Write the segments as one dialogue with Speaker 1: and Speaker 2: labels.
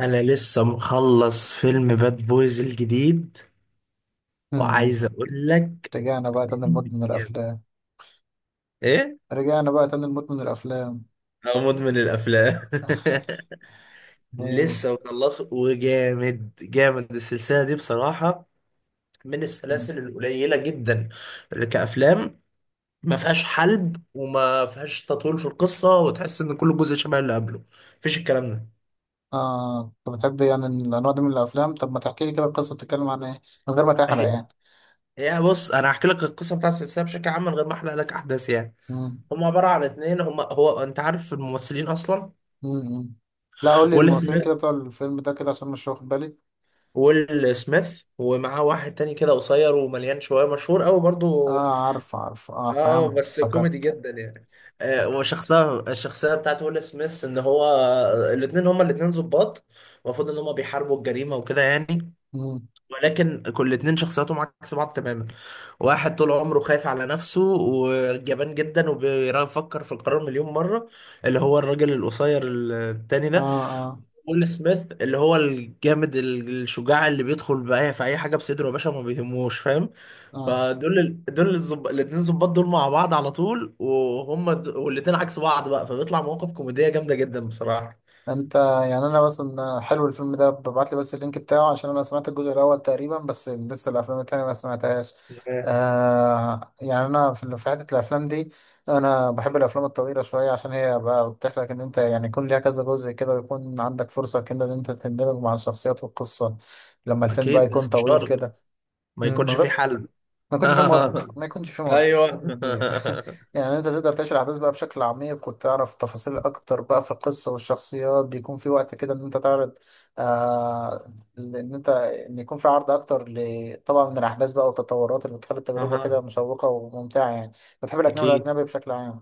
Speaker 1: انا لسه مخلص فيلم باد بويز الجديد
Speaker 2: مم.
Speaker 1: وعايز اقول لك
Speaker 2: رجعنا بقى تاني لمدمن
Speaker 1: جامد.
Speaker 2: الأفلام.
Speaker 1: ايه
Speaker 2: رجعنا بقى تاني لمدمن الأفلام.
Speaker 1: أنا مدمن الافلام.
Speaker 2: جامد.
Speaker 1: لسه مخلصه وجامد السلسله دي بصراحه، من السلاسل القليله جدا اللي كافلام ما فيهاش حلب وما فيهاش تطويل في القصه وتحس ان كل جزء شبه اللي قبله، مفيش الكلام ده.
Speaker 2: آه، أنت بتحب يعني الأنواع دي من الأفلام؟ طب ما تحكي لي كده القصة بتتكلم عن إيه، من غير ما تحرق
Speaker 1: هي
Speaker 2: يعني.
Speaker 1: هي بص، انا هحكي لك القصه بتاعت السلسله بشكل عام من غير ما احرق لك احداث يعني.
Speaker 2: مم.
Speaker 1: هم عباره عن اتنين، هم هو انت عارف الممثلين اصلا؟
Speaker 2: مم. لا، قول لي
Speaker 1: ويل
Speaker 2: الممثلين
Speaker 1: سميث.
Speaker 2: كده بتوع الفيلم ده كده عشان مش واخد بالي.
Speaker 1: ويل سميث ومعاه واحد تاني كده قصير ومليان شوية، مشهور قوي برضو.
Speaker 2: آه عارف عارف، آه
Speaker 1: اه
Speaker 2: فهمت
Speaker 1: بس كوميدي
Speaker 2: افتكرت.
Speaker 1: جدا يعني.
Speaker 2: افتكرت.
Speaker 1: وشخصية الشخصية بتاعت ويل سميث ان هو الاتنين، هما الاتنين ظباط، المفروض ان هما بيحاربوا الجريمة وكده يعني.
Speaker 2: مم.
Speaker 1: ولكن كل اتنين شخصياتهم عكس بعض تماما. واحد طول عمره خايف على نفسه وجبان جدا وبيفكر في القرار مليون مرة، اللي هو الراجل القصير التاني
Speaker 2: آه
Speaker 1: ده.
Speaker 2: آه
Speaker 1: ويل سميث اللي هو الجامد، الشجاع اللي بيدخل بأي في أي حاجة بصدره يا باشا، ما بيهموش، فاهم.
Speaker 2: آه.
Speaker 1: فدول ال... دول الزب... الاتنين ظباط دول مع بعض على طول، والاتنين عكس بعض بقى، فبيطلع مواقف كوميدية جامدة جدا بصراحة.
Speaker 2: انت يعني انا مثلا، حلو الفيلم ده، ببعت لي بس اللينك بتاعه، عشان انا سمعت الجزء الاول تقريبا، بس لسه الافلام التانية ما سمعتهاش.
Speaker 1: آه.
Speaker 2: آه، يعني انا في حته الافلام دي، انا بحب الافلام الطويله شويه، عشان هي بقى بتتيح لك ان انت يعني يكون ليها كذا جزء كده، ويكون عندك فرصه كده ان انت تندمج مع الشخصيات والقصه، لما الفيلم بقى
Speaker 1: أكيد
Speaker 2: يكون
Speaker 1: بس مش
Speaker 2: طويل
Speaker 1: شرط
Speaker 2: كده.
Speaker 1: ما
Speaker 2: مم،
Speaker 1: يكونش في حل.
Speaker 2: ما يكونش فيه مط
Speaker 1: ايوه.
Speaker 2: بشكل كبير. يعني انت تقدر تعيش الاحداث بقى بشكل عميق، وتعرف تفاصيل اكتر بقى في القصه والشخصيات، بيكون في وقت كده ان انت تعرض. آه، ان انت ان يكون في عرض اكتر طبعا من الاحداث بقى والتطورات اللي بتخلي التجربه كده
Speaker 1: أها.
Speaker 2: مشوقه وممتعه يعني. بتحب الاجنبي،
Speaker 1: أكيد
Speaker 2: الاجنبي بشكل عام؟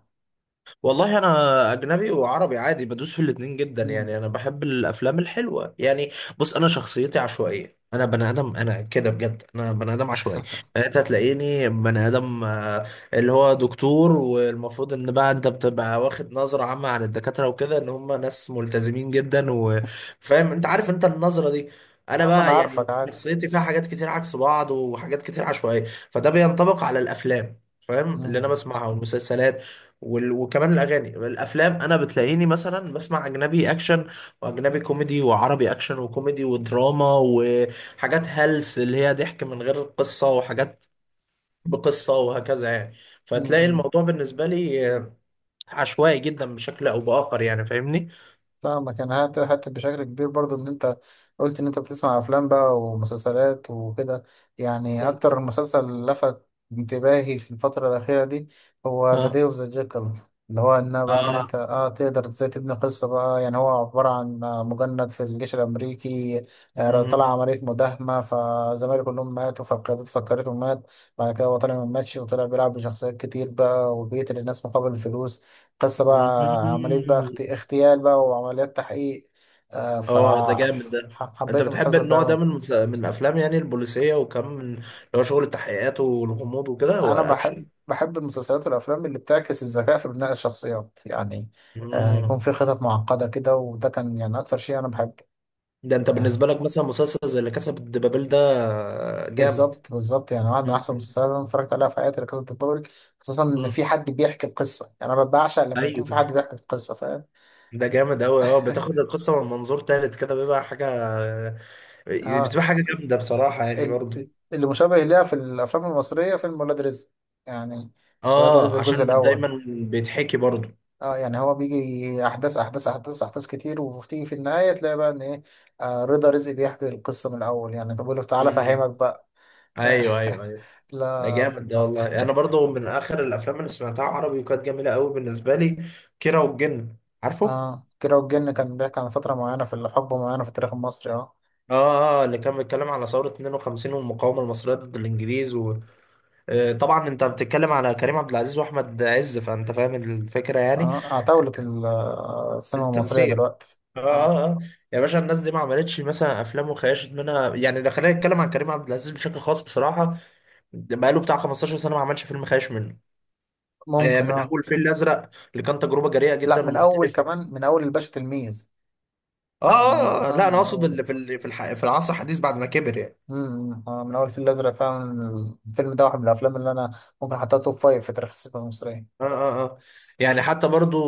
Speaker 1: والله، انا اجنبي وعربي عادي، بدوس في الاتنين جدا
Speaker 2: مم.
Speaker 1: يعني، انا بحب الافلام الحلوه يعني. بص، انا شخصيتي عشوائيه، انا بني ادم انا كده بجد، انا بني ادم عشوائي. انت هتلاقيني بني ادم آه، اللي هو دكتور، والمفروض ان بقى انت بتبقى واخد نظره عامه عن الدكاتره وكده ان هم ناس ملتزمين جدا، وفاهم انت عارف انت النظره دي.
Speaker 2: يا
Speaker 1: انا
Speaker 2: عم انا
Speaker 1: بقى يعني
Speaker 2: عارفك عادي.
Speaker 1: شخصيتي فيها حاجات كتير عكس بعض وحاجات كتير عشوائيه. فده بينطبق على الافلام، فاهم، اللي انا
Speaker 2: مم.
Speaker 1: بسمعها والمسلسلات وكمان الاغاني. الافلام انا بتلاقيني مثلا بسمع اجنبي اكشن واجنبي كوميدي وعربي اكشن وكوميدي ودراما وحاجات هلس اللي هي ضحك من غير قصه، وحاجات بقصه، وهكذا يعني. فتلاقي
Speaker 2: مم.
Speaker 1: الموضوع بالنسبه لي آه، عشوائي جدا بشكل او باخر يعني، فاهمني.
Speaker 2: فاهمك. انا حتى بشكل كبير برضو ان انت قلت ان انت بتسمع افلام بقى ومسلسلات وكده، يعني
Speaker 1: مم.
Speaker 2: اكتر مسلسل لفت انتباهي في الفترة الاخيرة دي هو ذا
Speaker 1: اه
Speaker 2: داي اوف ذا جيكل، اللي هو ان بقى ان
Speaker 1: اه
Speaker 2: انت اه تقدر ازاي تبني قصة بقى. يعني هو عبارة عن مجند في الجيش الامريكي.
Speaker 1: مم.
Speaker 2: طلع عملية مداهمة، فزمايله كلهم ماتوا، فالقيادات فكرته مات. بعد كده هو طلع ما ماتش، وطلع بيلعب بشخصيات كتير بقى، وبيقتل الناس مقابل الفلوس. قصة بقى
Speaker 1: مم.
Speaker 2: عملية بقى اغتيال بقى وعمليات تحقيق.
Speaker 1: اه ده جامد ده. انت
Speaker 2: فحبيت
Speaker 1: بتحب
Speaker 2: المسلسل ده
Speaker 1: النوع ده
Speaker 2: أوي.
Speaker 1: من من الافلام يعني، البوليسيه وكم، من اللي هو شغل التحقيقات والغموض وكده،
Speaker 2: أنا
Speaker 1: ولا اكشن؟
Speaker 2: بحب، بحب المسلسلات والأفلام اللي بتعكس الذكاء في بناء الشخصيات يعني. يكون
Speaker 1: مم.
Speaker 2: في خطط معقدة كده، وده كان يعني أكتر شيء أنا بحبه.
Speaker 1: ده انت
Speaker 2: يعني
Speaker 1: بالنسبه لك مثلا مسلسل زي اللي كسب الدبابيل ده جامد.
Speaker 2: بالظبط بالظبط، يعني واحد من
Speaker 1: مم.
Speaker 2: أحسن المسلسلات اللي أنا اتفرجت عليها في حياتي قصة البابل. خصوصا إن
Speaker 1: مم.
Speaker 2: في حد بيحكي القصة، يعني أنا بعشق لما يكون في
Speaker 1: ايوه.
Speaker 2: حد بيحكي القصة، فاهم؟
Speaker 1: ده جامد قوي، اه بتاخد القصه من منظور تالت كده بيبقى حاجه،
Speaker 2: اه
Speaker 1: بتبقى حاجه جامده بصراحه يعني
Speaker 2: ال-
Speaker 1: برضو.
Speaker 2: اللي مشابه ليها في الافلام المصريه فيلم ولاد رزق، يعني ولاد رزق
Speaker 1: اه
Speaker 2: الجزء
Speaker 1: عشان
Speaker 2: الاول.
Speaker 1: دايما بيتحكي برضو.
Speaker 2: اه يعني هو بيجي احداث احداث احداث احداث كتير، وبتيجي في النهايه تلاقي بقى ان ايه. آه، رضا رزق بيحكي القصه من الاول، يعني طب بيقول له تعالى
Speaker 1: مم.
Speaker 2: افهمك بقى. ف...
Speaker 1: ايوه.
Speaker 2: لا.
Speaker 1: ده جامد ده والله. انا برضو من اخر الافلام اللي سمعتها عربي وكانت جميله قوي بالنسبه لي كيرة والجن، عارفه؟
Speaker 2: اه كيرة والجن كان بيحكي عن فتره معينه في الحقبه معينه في التاريخ المصري اه.
Speaker 1: اه، اللي كان بيتكلم على ثورة 52 والمقاومة المصرية ضد الإنجليز. آه، طبعا انت بتتكلم على كريم عبد العزيز واحمد عز، فانت فاهم الفكره يعني.
Speaker 2: اه اعتولت السينما المصريه
Speaker 1: التمثيل.
Speaker 2: دلوقتي.
Speaker 1: اه
Speaker 2: اه
Speaker 1: اه اه يا باشا الناس دي ما عملتش مثلا افلام وخيشت منها يعني، لو خلينا نتكلم عن كريم عبد العزيز بشكل خاص بصراحه، ده بقاله بتاع 15 سنه ما عملش فيلم خايش منه. آه،
Speaker 2: ممكن
Speaker 1: من
Speaker 2: اه.
Speaker 1: اول فيل الازرق، اللي كان تجربه جريئه
Speaker 2: لا،
Speaker 1: جدا
Speaker 2: من اول،
Speaker 1: ومختلفه.
Speaker 2: كمان من اول الباشا تلميذ. يعني من
Speaker 1: لا انا
Speaker 2: من
Speaker 1: اقصد
Speaker 2: اول.
Speaker 1: اللي في في العصر الحديث بعد ما كبر يعني.
Speaker 2: من اول الفيل الازرق، فعلا الفيلم ده واحد من الافلام اللي انا ممكن احطها توب فايف في تاريخ السينما المصريه.
Speaker 1: اه اه اه يعني حتى برضو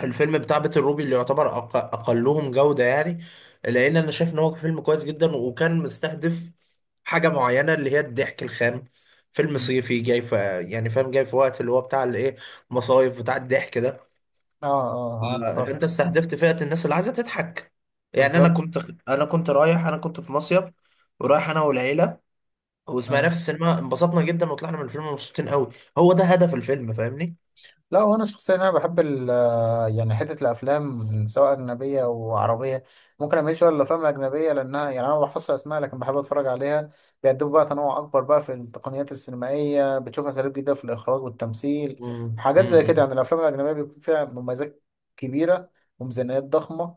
Speaker 1: الفيلم بتاع بيت الروبي، اللي يعتبر اقلهم جودة يعني، لان انا شايف ان هو فيلم كويس جدا، وكان مستهدف حاجة معينة اللي هي الضحك الخام. فيلم
Speaker 2: مم.
Speaker 1: صيفي، جاي في يعني، فاهم، جاي في وقت اللي هو بتاع الايه، مصايف بتاع الضحك ده.
Speaker 2: اه اه عارف
Speaker 1: آه، انت
Speaker 2: فاكر.
Speaker 1: استهدفت فئة الناس اللي عايزة تضحك. يعني انا
Speaker 2: بالظبط.
Speaker 1: كنت انا كنت رايح، انا كنت في مصيف، ورايح انا والعيلة، وسمعناه
Speaker 2: آه.
Speaker 1: في السينما، انبسطنا جدا وطلعنا من الفيلم مبسوطين قوي. هو ده هدف الفيلم، فاهمني.
Speaker 2: لا وانا شخصيا انا بحب، يعني حتة الأفلام سواء أجنبية أو عربية، ممكن أميل شوية للأفلام الأجنبية، لأنها يعني أنا ما بحفظش أسماء، لكن بحب أتفرج عليها. بيقدموا بقى تنوع أكبر بقى في التقنيات السينمائية، بتشوف أساليب جديدة في الإخراج والتمثيل،
Speaker 1: مم.
Speaker 2: حاجات زي كده.
Speaker 1: مم.
Speaker 2: يعني الأفلام الأجنبية بيكون فيها مميزات كبيرة وميزانيات ضخمة،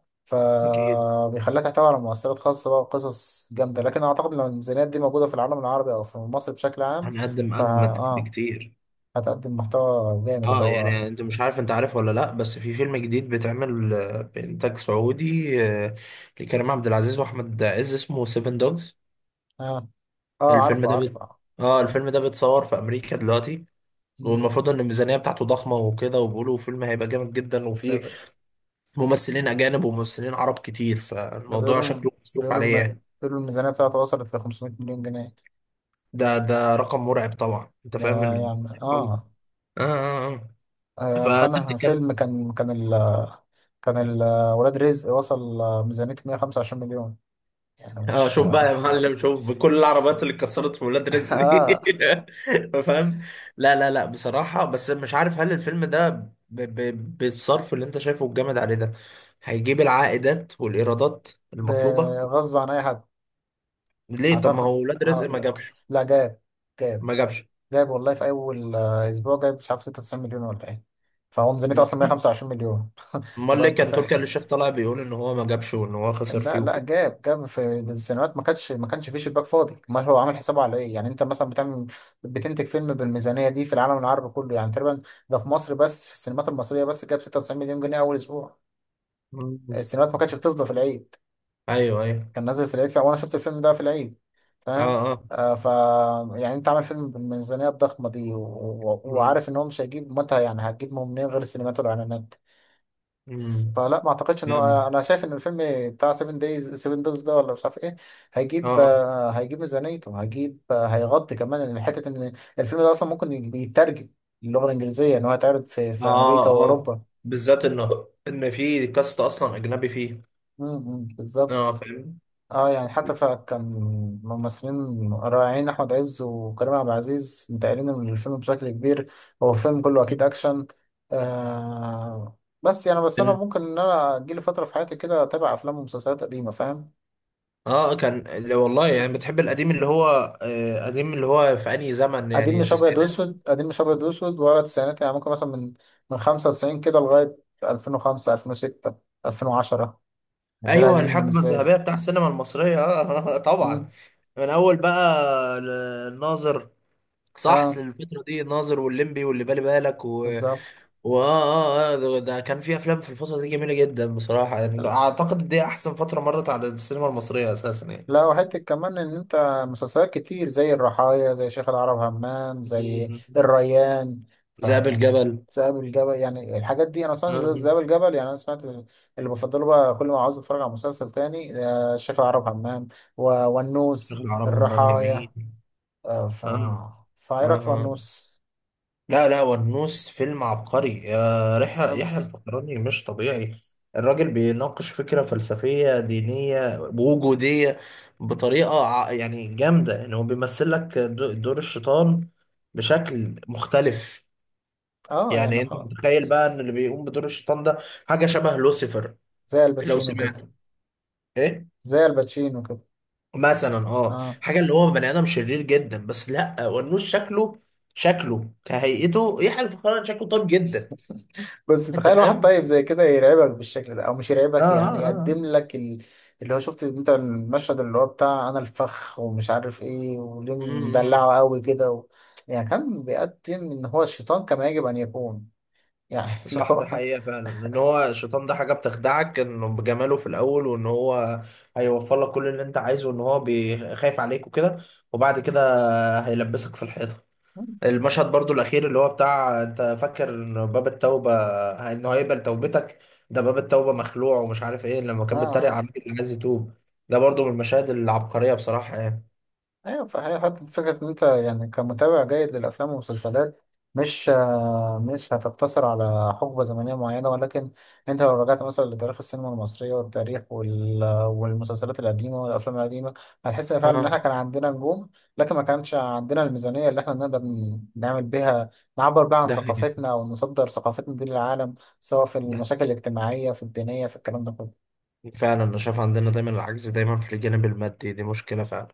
Speaker 1: أكيد
Speaker 2: فبيخليها تحتوي على مؤثرات خاصة بقى وقصص جامدة، لكن أعتقد لو الميزانيات دي موجودة في العالم العربي أو في مصر بشكل عام،
Speaker 1: هنقدم
Speaker 2: فا
Speaker 1: أجمد
Speaker 2: آه
Speaker 1: بكتير.
Speaker 2: هتقدم محتوى جامد اللي
Speaker 1: اه
Speaker 2: هو.
Speaker 1: يعني، انت مش عارف انت عارف ولا لا، بس في فيلم جديد بيتعمل آه، بإنتاج سعودي آه، لكريم عبد العزيز وأحمد عز، اسمه سيفن دوجز.
Speaker 2: آه، آه
Speaker 1: الفيلم
Speaker 2: عارفه
Speaker 1: ده بيت...
Speaker 2: عارفه.
Speaker 1: اه الفيلم ده بيتصور في أمريكا دلوقتي، والمفروض ان الميزانية بتاعته ضخمة وكده، وبيقولوا فيلم هيبقى جامد جدا، وفيه
Speaker 2: ده
Speaker 1: ممثلين أجانب وممثلين عرب كتير،
Speaker 2: ده
Speaker 1: فالموضوع
Speaker 2: بيقولوا
Speaker 1: شكله مصروف
Speaker 2: بيقولوا
Speaker 1: عليه
Speaker 2: الم...
Speaker 1: يعني.
Speaker 2: بيقولوا الميزانية بتاعته وصلت ل 500 مليون جنيه.
Speaker 1: ده رقم مرعب طبعا، انت
Speaker 2: ده
Speaker 1: فاهم
Speaker 2: يعني اه.
Speaker 1: آه. آه آه. فانت
Speaker 2: اتخانق
Speaker 1: بتتكلم.
Speaker 2: فيلم. كان ولاد رزق وصل ميزانيته 125 مليون، يعني
Speaker 1: اه
Speaker 2: مش
Speaker 1: شوف
Speaker 2: اه.
Speaker 1: بقى يا معلم، شوف بكل العربيات اللي اتكسرت في ولاد رزق دي.
Speaker 2: آه،
Speaker 1: فاهم. لا، بصراحة بس مش عارف هل الفيلم ده بالصرف اللي انت شايفه الجامد عليه ده هيجيب العائدات والإيرادات المطلوبة؟
Speaker 2: بغصب عن اي حد.
Speaker 1: ليه؟ طب ما
Speaker 2: اعتقد،
Speaker 1: هو ولاد رزق
Speaker 2: هقول
Speaker 1: ما
Speaker 2: لك،
Speaker 1: جابش.
Speaker 2: لا جاب جاب.
Speaker 1: ما جابش.
Speaker 2: جاب والله في اول اسبوع، جاب مش عارف 96 مليون ولا ايه، فهو ميزانيته
Speaker 1: م-
Speaker 2: اصلا
Speaker 1: م.
Speaker 2: 125 مليون
Speaker 1: امال
Speaker 2: لو
Speaker 1: ليه
Speaker 2: انت
Speaker 1: كان تركي آل
Speaker 2: فاهم.
Speaker 1: الشيخ طالع بيقول ان هو ما جابش وان هو خسر
Speaker 2: لا
Speaker 1: فيه
Speaker 2: لا،
Speaker 1: وكده.
Speaker 2: جاب جاب في السينمات. ما كانش فيه شباك فاضي. امال هو عامل حسابه على ايه؟ يعني انت مثلا بتعمل، بتنتج فيلم بالميزانيه دي في العالم العربي كله يعني تقريبا. ده في مصر بس، في السينمات المصريه بس جاب 96 مليون جنيه اول اسبوع.
Speaker 1: م.
Speaker 2: السينمات ما كانتش بتفضى في العيد،
Speaker 1: ايوه.
Speaker 2: كان نازل في العيد وانا شفت الفيلم ده في العيد، فاهم؟
Speaker 1: اه.
Speaker 2: آه ف يعني انت عامل فيلم بالميزانيه الضخمه دي،
Speaker 1: م.
Speaker 2: وعارف ان هو مش هيجيب متى، يعني هتجيب منين غير السينمات والاعلانات؟
Speaker 1: م.
Speaker 2: فلا ما اعتقدش ان هو،
Speaker 1: فاهم.
Speaker 2: انا شايف ان الفيلم بتاع 7 دايز، 7 دايز ده ولا مش عارف ايه،
Speaker 1: اه
Speaker 2: هيجيب
Speaker 1: آه.
Speaker 2: هيجيب ميزانيته، هيجيب هيغطي كمان، إن حته ان الفيلم ده اصلا ممكن يترجم اللغه الانجليزيه، ان هو يتعرض في امريكا
Speaker 1: اه اه،
Speaker 2: واوروبا.
Speaker 1: بالذات ان ان في كاست اصلا اجنبي فيه.
Speaker 2: بالظبط.
Speaker 1: اه فاهم.
Speaker 2: اه يعني حتى فكان ممثلين رائعين، احمد عز وكريم عبد العزيز، متقالين من الفيلم بشكل كبير. هو فيلم كله اكيد اكشن. آه، بس يعني، بس انا
Speaker 1: كان
Speaker 2: ممكن ان انا اجيلي فتره في حياتي كده اتابع افلام ومسلسلات قديمه، فاهم؟
Speaker 1: اه كان اللي والله يعني، بتحب القديم اللي هو آه قديم اللي هو في انهي زمن؟
Speaker 2: قديم
Speaker 1: يعني
Speaker 2: مش ابيض
Speaker 1: التسعينات؟
Speaker 2: واسود، قديم مش ابيض واسود ورا التسعينات، يعني ممكن مثلا من 95 كده لغايه 2005 2006 2010، ده
Speaker 1: ايوه
Speaker 2: القديم
Speaker 1: الحقبه
Speaker 2: بالنسبه لي.
Speaker 1: الذهبيه بتاع السينما المصريه اه. طبعا.
Speaker 2: مم.
Speaker 1: من اول بقى الناظر. صح،
Speaker 2: اه
Speaker 1: الفتره دي الناظر والليمبي واللي بالي بالك و...
Speaker 2: بالظبط.
Speaker 1: واه اه اه آه، ده كان في افلام في الفتره دي جميله جدا بصراحه، يعني اعتقد دي احسن فتره مرت على السينما المصريه اساسا.
Speaker 2: لا وحته كمان ان انت، مسلسلات كتير زي الرحايا زي شيخ العرب همام زي
Speaker 1: يعني
Speaker 2: الريان،
Speaker 1: ذئاب
Speaker 2: فيعني
Speaker 1: الجبل.
Speaker 2: ذئاب الجبل. يعني الحاجات دي انا اصلا،
Speaker 1: اه
Speaker 2: ذئاب الجبل، يعني انا سمعت اللي بفضله بقى كل ما عاوز اتفرج على مسلسل تاني شيخ العرب همام
Speaker 1: شيخ
Speaker 2: والنوس
Speaker 1: العرب همام
Speaker 2: الرحايا.
Speaker 1: جميل.
Speaker 2: آه ف
Speaker 1: اه
Speaker 2: فايه
Speaker 1: اه
Speaker 2: رايك في
Speaker 1: اه
Speaker 2: ونوس؟
Speaker 1: لا لا والنوس فيلم عبقري، يا رحلة! يحيى
Speaker 2: خلص.
Speaker 1: الفخراني مش طبيعي. الراجل بيناقش فكرة فلسفية دينية وجودية بطريقة يعني جامدة، ان هو بيمثل لك دور الشيطان بشكل مختلف.
Speaker 2: اه يعني
Speaker 1: يعني انت
Speaker 2: خلاص.
Speaker 1: متخيل بقى ان اللي بيقوم بدور الشيطان ده حاجة شبه لوسيفر،
Speaker 2: زي
Speaker 1: لو
Speaker 2: الباتشينو كده.
Speaker 1: سمعته. ايه؟
Speaker 2: زي الباتشينو كده.
Speaker 1: مثلا اه
Speaker 2: اه
Speaker 1: حاجه اللي هو بني ادم شرير جدا، بس لا، ونوش شكله، شكله كهيئته، يحيى الفخراني شكله طيب جدا.
Speaker 2: بس
Speaker 1: انت
Speaker 2: تخيل واحد
Speaker 1: فاهم؟
Speaker 2: طيب زي كده يرعبك بالشكل ده، او مش
Speaker 1: اه
Speaker 2: يرعبك، يعني
Speaker 1: اه
Speaker 2: يقدم
Speaker 1: اه
Speaker 2: لك ال... اللي هو شفت انت المشهد اللي هو بتاع، انا الفخ ومش عارف ايه وليه
Speaker 1: امم.
Speaker 2: مدلعه قوي كده و... يعني كان بيقدم ان هو الشيطان كما يجب ان يكون، يعني اللي
Speaker 1: صح
Speaker 2: هو
Speaker 1: ده
Speaker 2: اه.
Speaker 1: حقيقه فعلا، ان هو الشيطان ده حاجه بتخدعك انه بجماله في الاول، وان هو هيوفر لك كل اللي انت عايزه، وان هو بيخايف عليك وكده، وبعد كده هيلبسك في الحيطه. المشهد برضو الأخير اللي هو بتاع أنت فاكر إن باب التوبة إنه هيقبل توبتك، ده باب التوبة مخلوع ومش عارف إيه، لما كان بيتريق على
Speaker 2: آه.
Speaker 1: الراجل اللي عايز يتوب، ده برضو من المشاهد العبقرية بصراحة يعني.
Speaker 2: ايوه، فهي حتى فكره ان انت يعني كمتابع جيد للافلام والمسلسلات، مش مش هتقتصر على حقبه زمنيه معينه، ولكن انت لو رجعت مثلا لتاريخ السينما المصريه، والتاريخ والمسلسلات القديمه والافلام القديمه، هتحس إن فعلا ان احنا
Speaker 1: اه
Speaker 2: كان عندنا نجوم، لكن ما كانش عندنا الميزانيه اللي احنا نقدر نعمل بيها، نعبر بيها عن
Speaker 1: ده حقيقي.
Speaker 2: ثقافتنا او نصدر ثقافتنا دي للعالم، سواء في
Speaker 1: ده
Speaker 2: المشاكل الاجتماعيه، في الدينيه، في الكلام ده كله.
Speaker 1: فعلا أنا شايف عندنا دايما العجز دايما في الجانب المادي، دي مشكلة فعلا.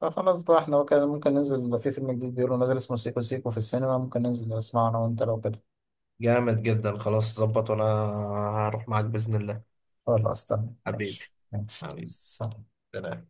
Speaker 2: فخلاص بقى، احنا كده ممكن ننزل لو في فيلم جديد بيقولوا نازل اسمه سيكو سيكو في السينما، ممكن ننزل نسمعه انا وانت لو كده.
Speaker 1: جامد جدا، خلاص ظبط، وأنا هروح معاك بإذن الله.
Speaker 2: خلاص تمام،
Speaker 1: حبيبي.
Speaker 2: ماشي ماشي،
Speaker 1: حبيبي.
Speaker 2: سلام.
Speaker 1: سلام.